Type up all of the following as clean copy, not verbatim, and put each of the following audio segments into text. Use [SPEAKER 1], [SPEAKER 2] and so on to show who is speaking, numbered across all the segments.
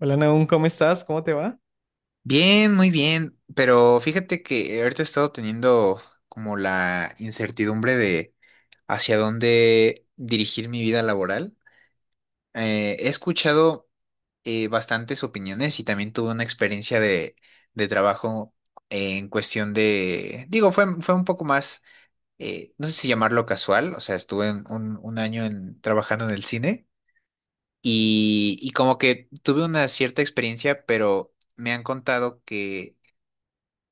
[SPEAKER 1] Hola Nahum, ¿cómo estás? ¿Cómo te va?
[SPEAKER 2] Bien, muy bien, pero fíjate que ahorita he estado teniendo como la incertidumbre de hacia dónde dirigir mi vida laboral. He escuchado bastantes opiniones, y también tuve una experiencia de trabajo en cuestión de, digo, fue un poco más, no sé si llamarlo casual, o sea, estuve en un año en, trabajando en el cine, y como que tuve una cierta experiencia, pero me han contado que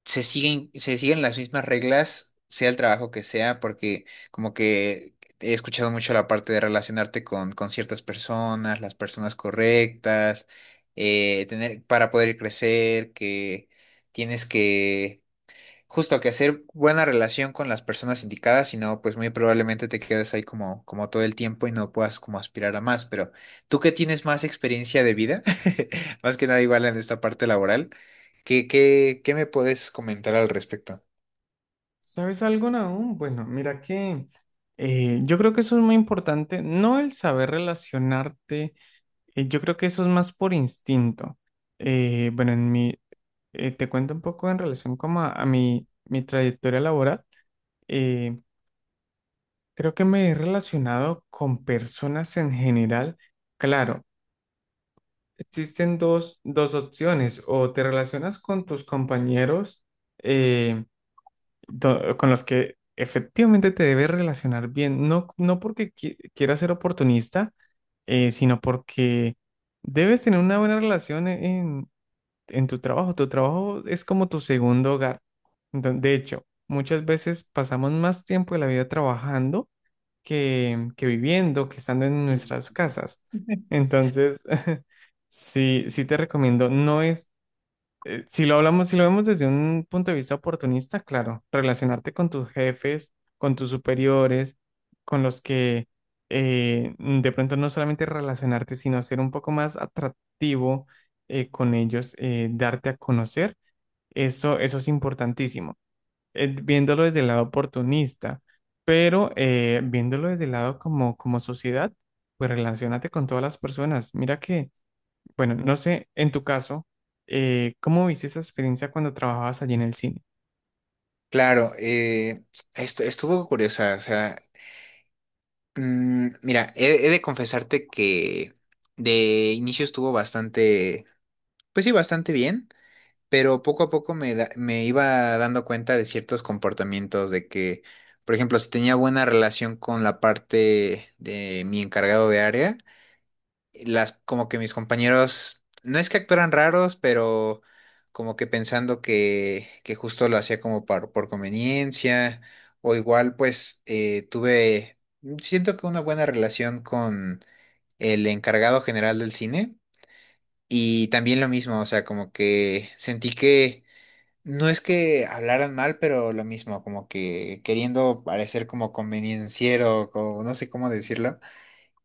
[SPEAKER 2] se siguen las mismas reglas, sea el trabajo que sea, porque como que he escuchado mucho la parte de relacionarte con ciertas personas, las personas correctas, tener, para poder crecer, que tienes que justo que hacer buena relación con las personas indicadas, si no, pues muy probablemente te quedes ahí como todo el tiempo y no puedas como aspirar a más. Pero tú que tienes más experiencia de vida, más que nada igual en esta parte laboral, ¿qué me puedes comentar al respecto?
[SPEAKER 1] ¿Sabes algo, Nahum? Bueno, mira que yo creo que eso es muy importante, no el saber relacionarte, yo creo que eso es más por instinto. Bueno, te cuento un poco en relación como a mi trayectoria laboral. Eh, Creo que me he relacionado con personas en general. Claro, existen dos opciones, o te relacionas con tus compañeros, eh, con los que efectivamente te debes relacionar bien, no porque quieras ser oportunista, sino porque debes tener una buena relación en tu trabajo. Tu trabajo es como tu segundo hogar. De hecho, muchas veces pasamos más tiempo de la vida trabajando que viviendo, que estando en nuestras casas. Entonces, sí, sí te recomiendo. No es Si lo hablamos, si lo vemos desde un punto de vista oportunista, claro, relacionarte con tus jefes, con tus superiores, con los que de pronto no solamente relacionarte, sino ser un poco más atractivo con ellos, darte a conocer, eso es importantísimo. Viéndolo desde el lado oportunista, pero viéndolo desde el lado como sociedad, pues relacionate con todas las personas. Mira que bueno, no sé, en tu caso, ¿cómo viste esa experiencia cuando trabajabas allí en el cine?
[SPEAKER 2] Claro, esto estuvo curiosa, o sea, mira, he de confesarte que de inicio estuvo bastante, pues sí, bastante bien. Pero poco a poco me iba dando cuenta de ciertos comportamientos, de que, por ejemplo, si tenía buena relación con la parte de mi encargado de área, como que mis compañeros, no es que actuaran raros, pero como que pensando que justo lo hacía como por conveniencia, o igual pues siento que una buena relación con el encargado general del cine, y también lo mismo, o sea, como que sentí que no es que hablaran mal, pero lo mismo, como que queriendo parecer como convenienciero, o no sé cómo decirlo.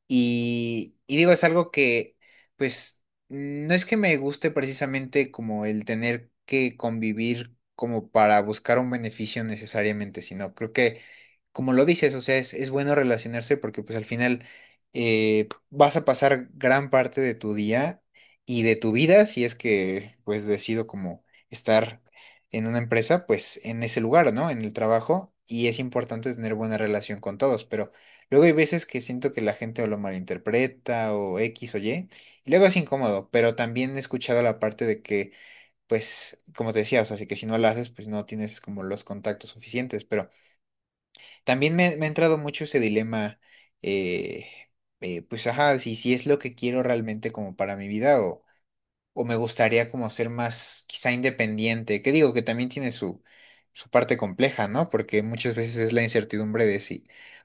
[SPEAKER 2] Y digo, es algo que, pues, no es que me guste precisamente como el tener que convivir como para buscar un beneficio necesariamente, sino creo que como lo dices, o sea, es bueno relacionarse porque pues al final vas a pasar gran parte de tu día y de tu vida, si es que pues decido como estar en una empresa, pues en ese lugar, ¿no? En el trabajo, y es importante tener buena relación con todos, pero luego hay veces que siento que la gente o lo malinterpreta o X o Y y luego es incómodo, pero también he escuchado la parte de que pues como te decía, o sea, si que si no lo haces, pues no tienes como los contactos suficientes, pero también me ha entrado mucho ese dilema. eh, pues ajá, si es lo que quiero realmente como para mi vida, o me gustaría como ser más quizá independiente, que digo que también tiene su parte compleja, ¿no? Porque muchas veces es la incertidumbre de si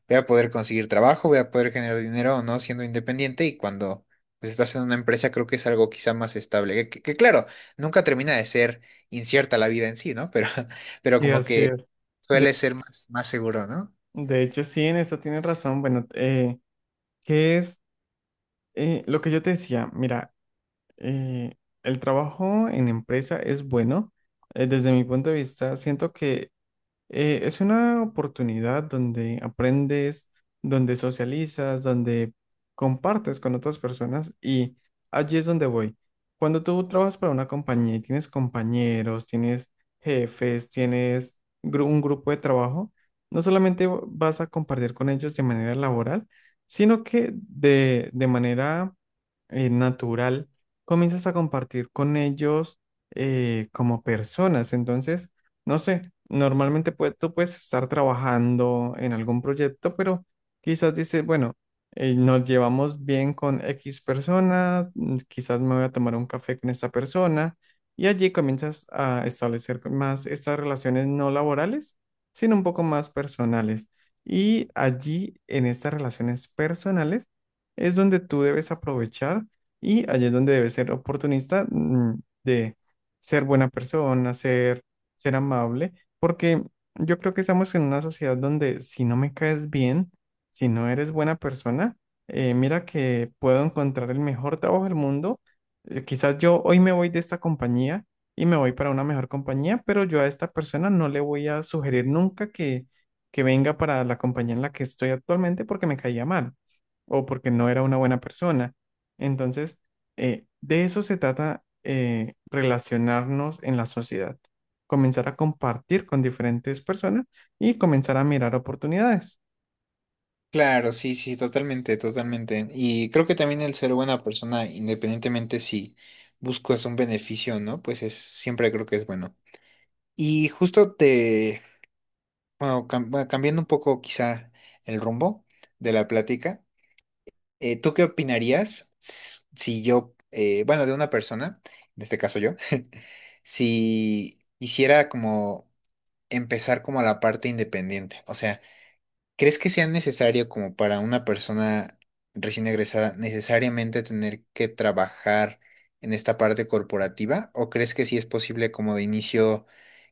[SPEAKER 2] voy a poder conseguir trabajo, voy a poder generar dinero o no siendo independiente, y cuando pues estás en una empresa creo que es algo quizá más estable, que claro, nunca termina de ser incierta la vida en sí, ¿no? Pero
[SPEAKER 1] Y
[SPEAKER 2] como
[SPEAKER 1] así
[SPEAKER 2] que
[SPEAKER 1] es. De,
[SPEAKER 2] suele ser más seguro, ¿no?
[SPEAKER 1] de hecho, sí, en eso tienes razón. Bueno, ¿qué es lo que yo te decía? Mira, eh, el trabajo en empresa es bueno. Desde mi punto de vista, siento que es una oportunidad donde aprendes, donde socializas, donde compartes con otras personas y allí es donde voy. Cuando tú trabajas para una compañía y tienes compañeros, tienes jefes, tienes un grupo de trabajo, no solamente vas a compartir con ellos de manera laboral, sino que de manera natural comienzas a compartir con ellos como personas. Entonces, no sé, normalmente tú puedes estar trabajando en algún proyecto, pero quizás dices, bueno, nos llevamos bien con X persona, quizás me voy a tomar un café con esta persona, y allí comienzas a establecer más estas relaciones no laborales, sino un poco más personales. Y allí, en estas relaciones personales, es donde tú debes aprovechar y allí es donde debes ser oportunista, de ser buena persona, ser amable, porque yo creo que estamos en una sociedad donde si no me caes bien, si no eres buena persona, mira que puedo encontrar el mejor trabajo del mundo. Quizás yo hoy me voy de esta compañía y me voy para una mejor compañía, pero yo a esta persona no le voy a sugerir nunca que venga para la compañía en la que estoy actualmente porque me caía mal o porque no era una buena persona. Entonces, de eso se trata relacionarnos en la sociedad, comenzar a compartir con diferentes personas y comenzar a mirar oportunidades.
[SPEAKER 2] Claro, sí, sí, totalmente, totalmente. Y creo que también el ser buena persona, independientemente si buscas un beneficio o no, pues es, siempre creo que es bueno. Y justo bueno, bueno, cambiando un poco quizá el rumbo de la plática, ¿tú qué opinarías si yo, bueno, de una persona, en este caso yo, si hiciera como empezar como la parte independiente? O sea, ¿crees que sea necesario como para una persona recién egresada necesariamente tener que trabajar en esta parte corporativa? ¿O crees que sí es posible como de inicio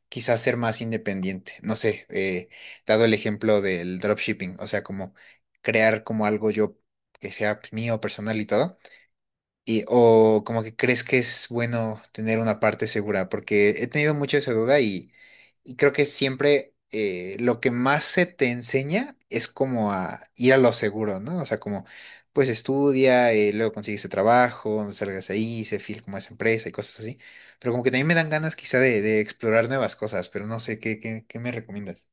[SPEAKER 2] quizás ser más independiente? No sé, dado el ejemplo del dropshipping, o sea, como crear como algo yo que sea mío, personal y todo. O como que crees que es bueno tener una parte segura, porque he tenido mucho esa duda, y creo que siempre lo que más se te enseña es como a ir a lo seguro, ¿no? O sea, como pues estudia, luego consigues ese trabajo, no salgas ahí, se fil como esa empresa y cosas así. Pero como que también me dan ganas quizá de explorar nuevas cosas, pero no sé, ¿qué me recomiendas?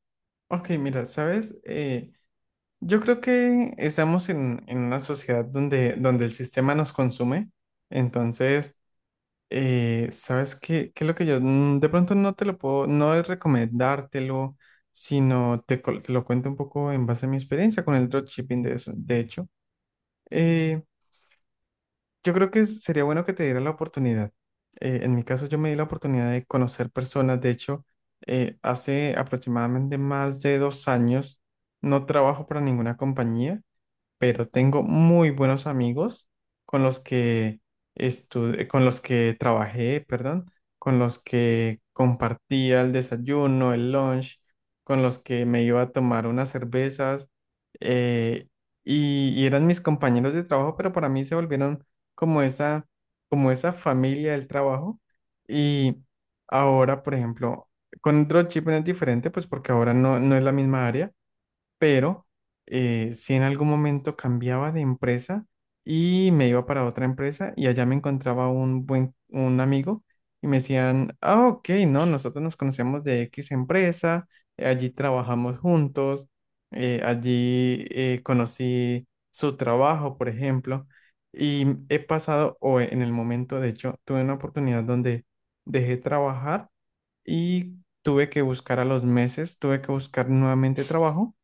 [SPEAKER 1] Ok, mira, sabes. Yo creo que estamos en una sociedad donde el sistema nos consume. Entonces, sabes qué, qué es lo que yo, de pronto no te lo puedo, no es recomendártelo, sino te lo cuento un poco en base a mi experiencia con el dropshipping de eso. De hecho, Eh, yo creo que sería bueno que te dieran la oportunidad. En mi caso, yo me di la oportunidad de conocer personas. De hecho, hace aproximadamente más de dos años no trabajo para ninguna compañía, pero tengo muy buenos amigos con los que estuve, con los que trabajé, perdón, con los que compartía el desayuno, el lunch, con los que me iba a tomar unas cervezas, eh, y eran mis compañeros de trabajo, pero para mí se volvieron como esa, como esa familia del trabajo. Y ahora, por ejemplo, con dropshipping es diferente, pues porque ahora no es la misma área, pero sí, en algún momento cambiaba de empresa y me iba para otra empresa y allá me encontraba un buen un amigo y me decían, ah, ok, no, nosotros nos conocemos de X empresa, allí trabajamos juntos, allí conocí su trabajo, por ejemplo, y he pasado, o en el momento, de hecho, tuve una oportunidad donde dejé trabajar y tuve que buscar a los meses, tuve que buscar nuevamente trabajo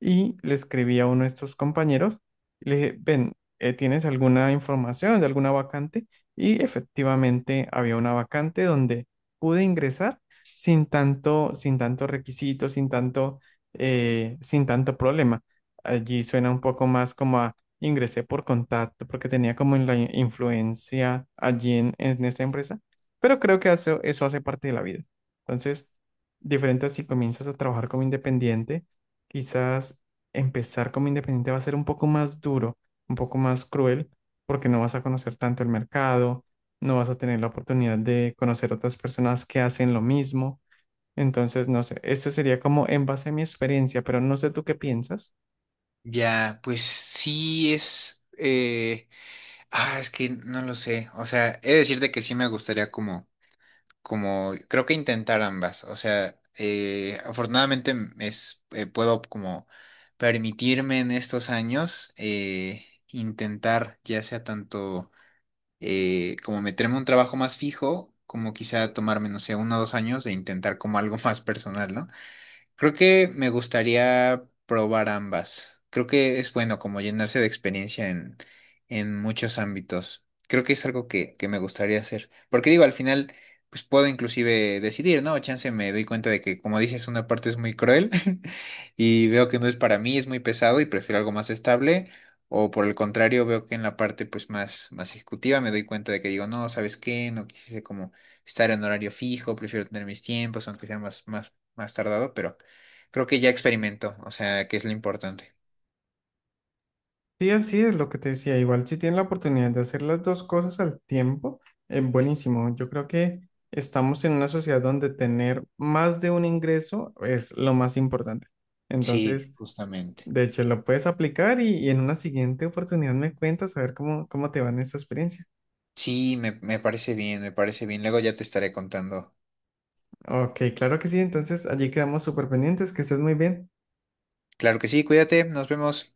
[SPEAKER 1] y le escribí a uno de estos compañeros y le dije, ven, ¿tienes alguna información de alguna vacante? Y efectivamente había una vacante donde pude ingresar sin tanto requisito, sin tanto problema. Allí suena un poco más como a ingresé por contacto porque tenía como la influencia allí en esta empresa, pero creo que eso hace parte de la vida. Entonces, diferente si comienzas a trabajar como independiente, quizás empezar como independiente va a ser un poco más duro, un poco más cruel, porque no vas a conocer tanto el mercado, no vas a tener la oportunidad de conocer otras personas que hacen lo mismo. Entonces, no sé, eso sería como en base a mi experiencia, pero no sé tú qué piensas.
[SPEAKER 2] Ya, pues sí es, ah, es que no lo sé. O sea, he de decirte que sí me gustaría como creo que intentar ambas. O sea, afortunadamente puedo como permitirme en estos años intentar ya sea tanto como meterme a un trabajo más fijo, como quizá tomarme, no sé, 1 o 2 años de intentar como algo más personal, ¿no? Creo que me gustaría probar ambas. Creo que es bueno como llenarse de experiencia en muchos ámbitos. Creo que es algo que me gustaría hacer. Porque digo, al final, pues puedo inclusive decidir, ¿no? Chance me doy cuenta de que, como dices, una parte es muy cruel y veo que no es para mí, es muy pesado y prefiero algo más estable. O por el contrario, veo que en la parte pues más ejecutiva me doy cuenta de que digo, no, ¿sabes qué? No quise como estar en horario fijo, prefiero tener mis tiempos, aunque sea más tardado, pero creo que ya experimentó, o sea, que es lo importante.
[SPEAKER 1] Sí, así es lo que te decía. Igual si tienes la oportunidad de hacer las dos cosas al tiempo, es buenísimo. Yo creo que estamos en una sociedad donde tener más de un ingreso es lo más importante.
[SPEAKER 2] Sí,
[SPEAKER 1] Entonces,
[SPEAKER 2] justamente.
[SPEAKER 1] de hecho, lo puedes aplicar y en una siguiente oportunidad me cuentas a ver cómo, cómo te va en esta experiencia.
[SPEAKER 2] Sí, me parece bien, me parece bien. Luego ya te estaré contando.
[SPEAKER 1] Ok, claro que sí. Entonces, allí quedamos súper pendientes. Que estés muy bien.
[SPEAKER 2] Claro que sí, cuídate, nos vemos.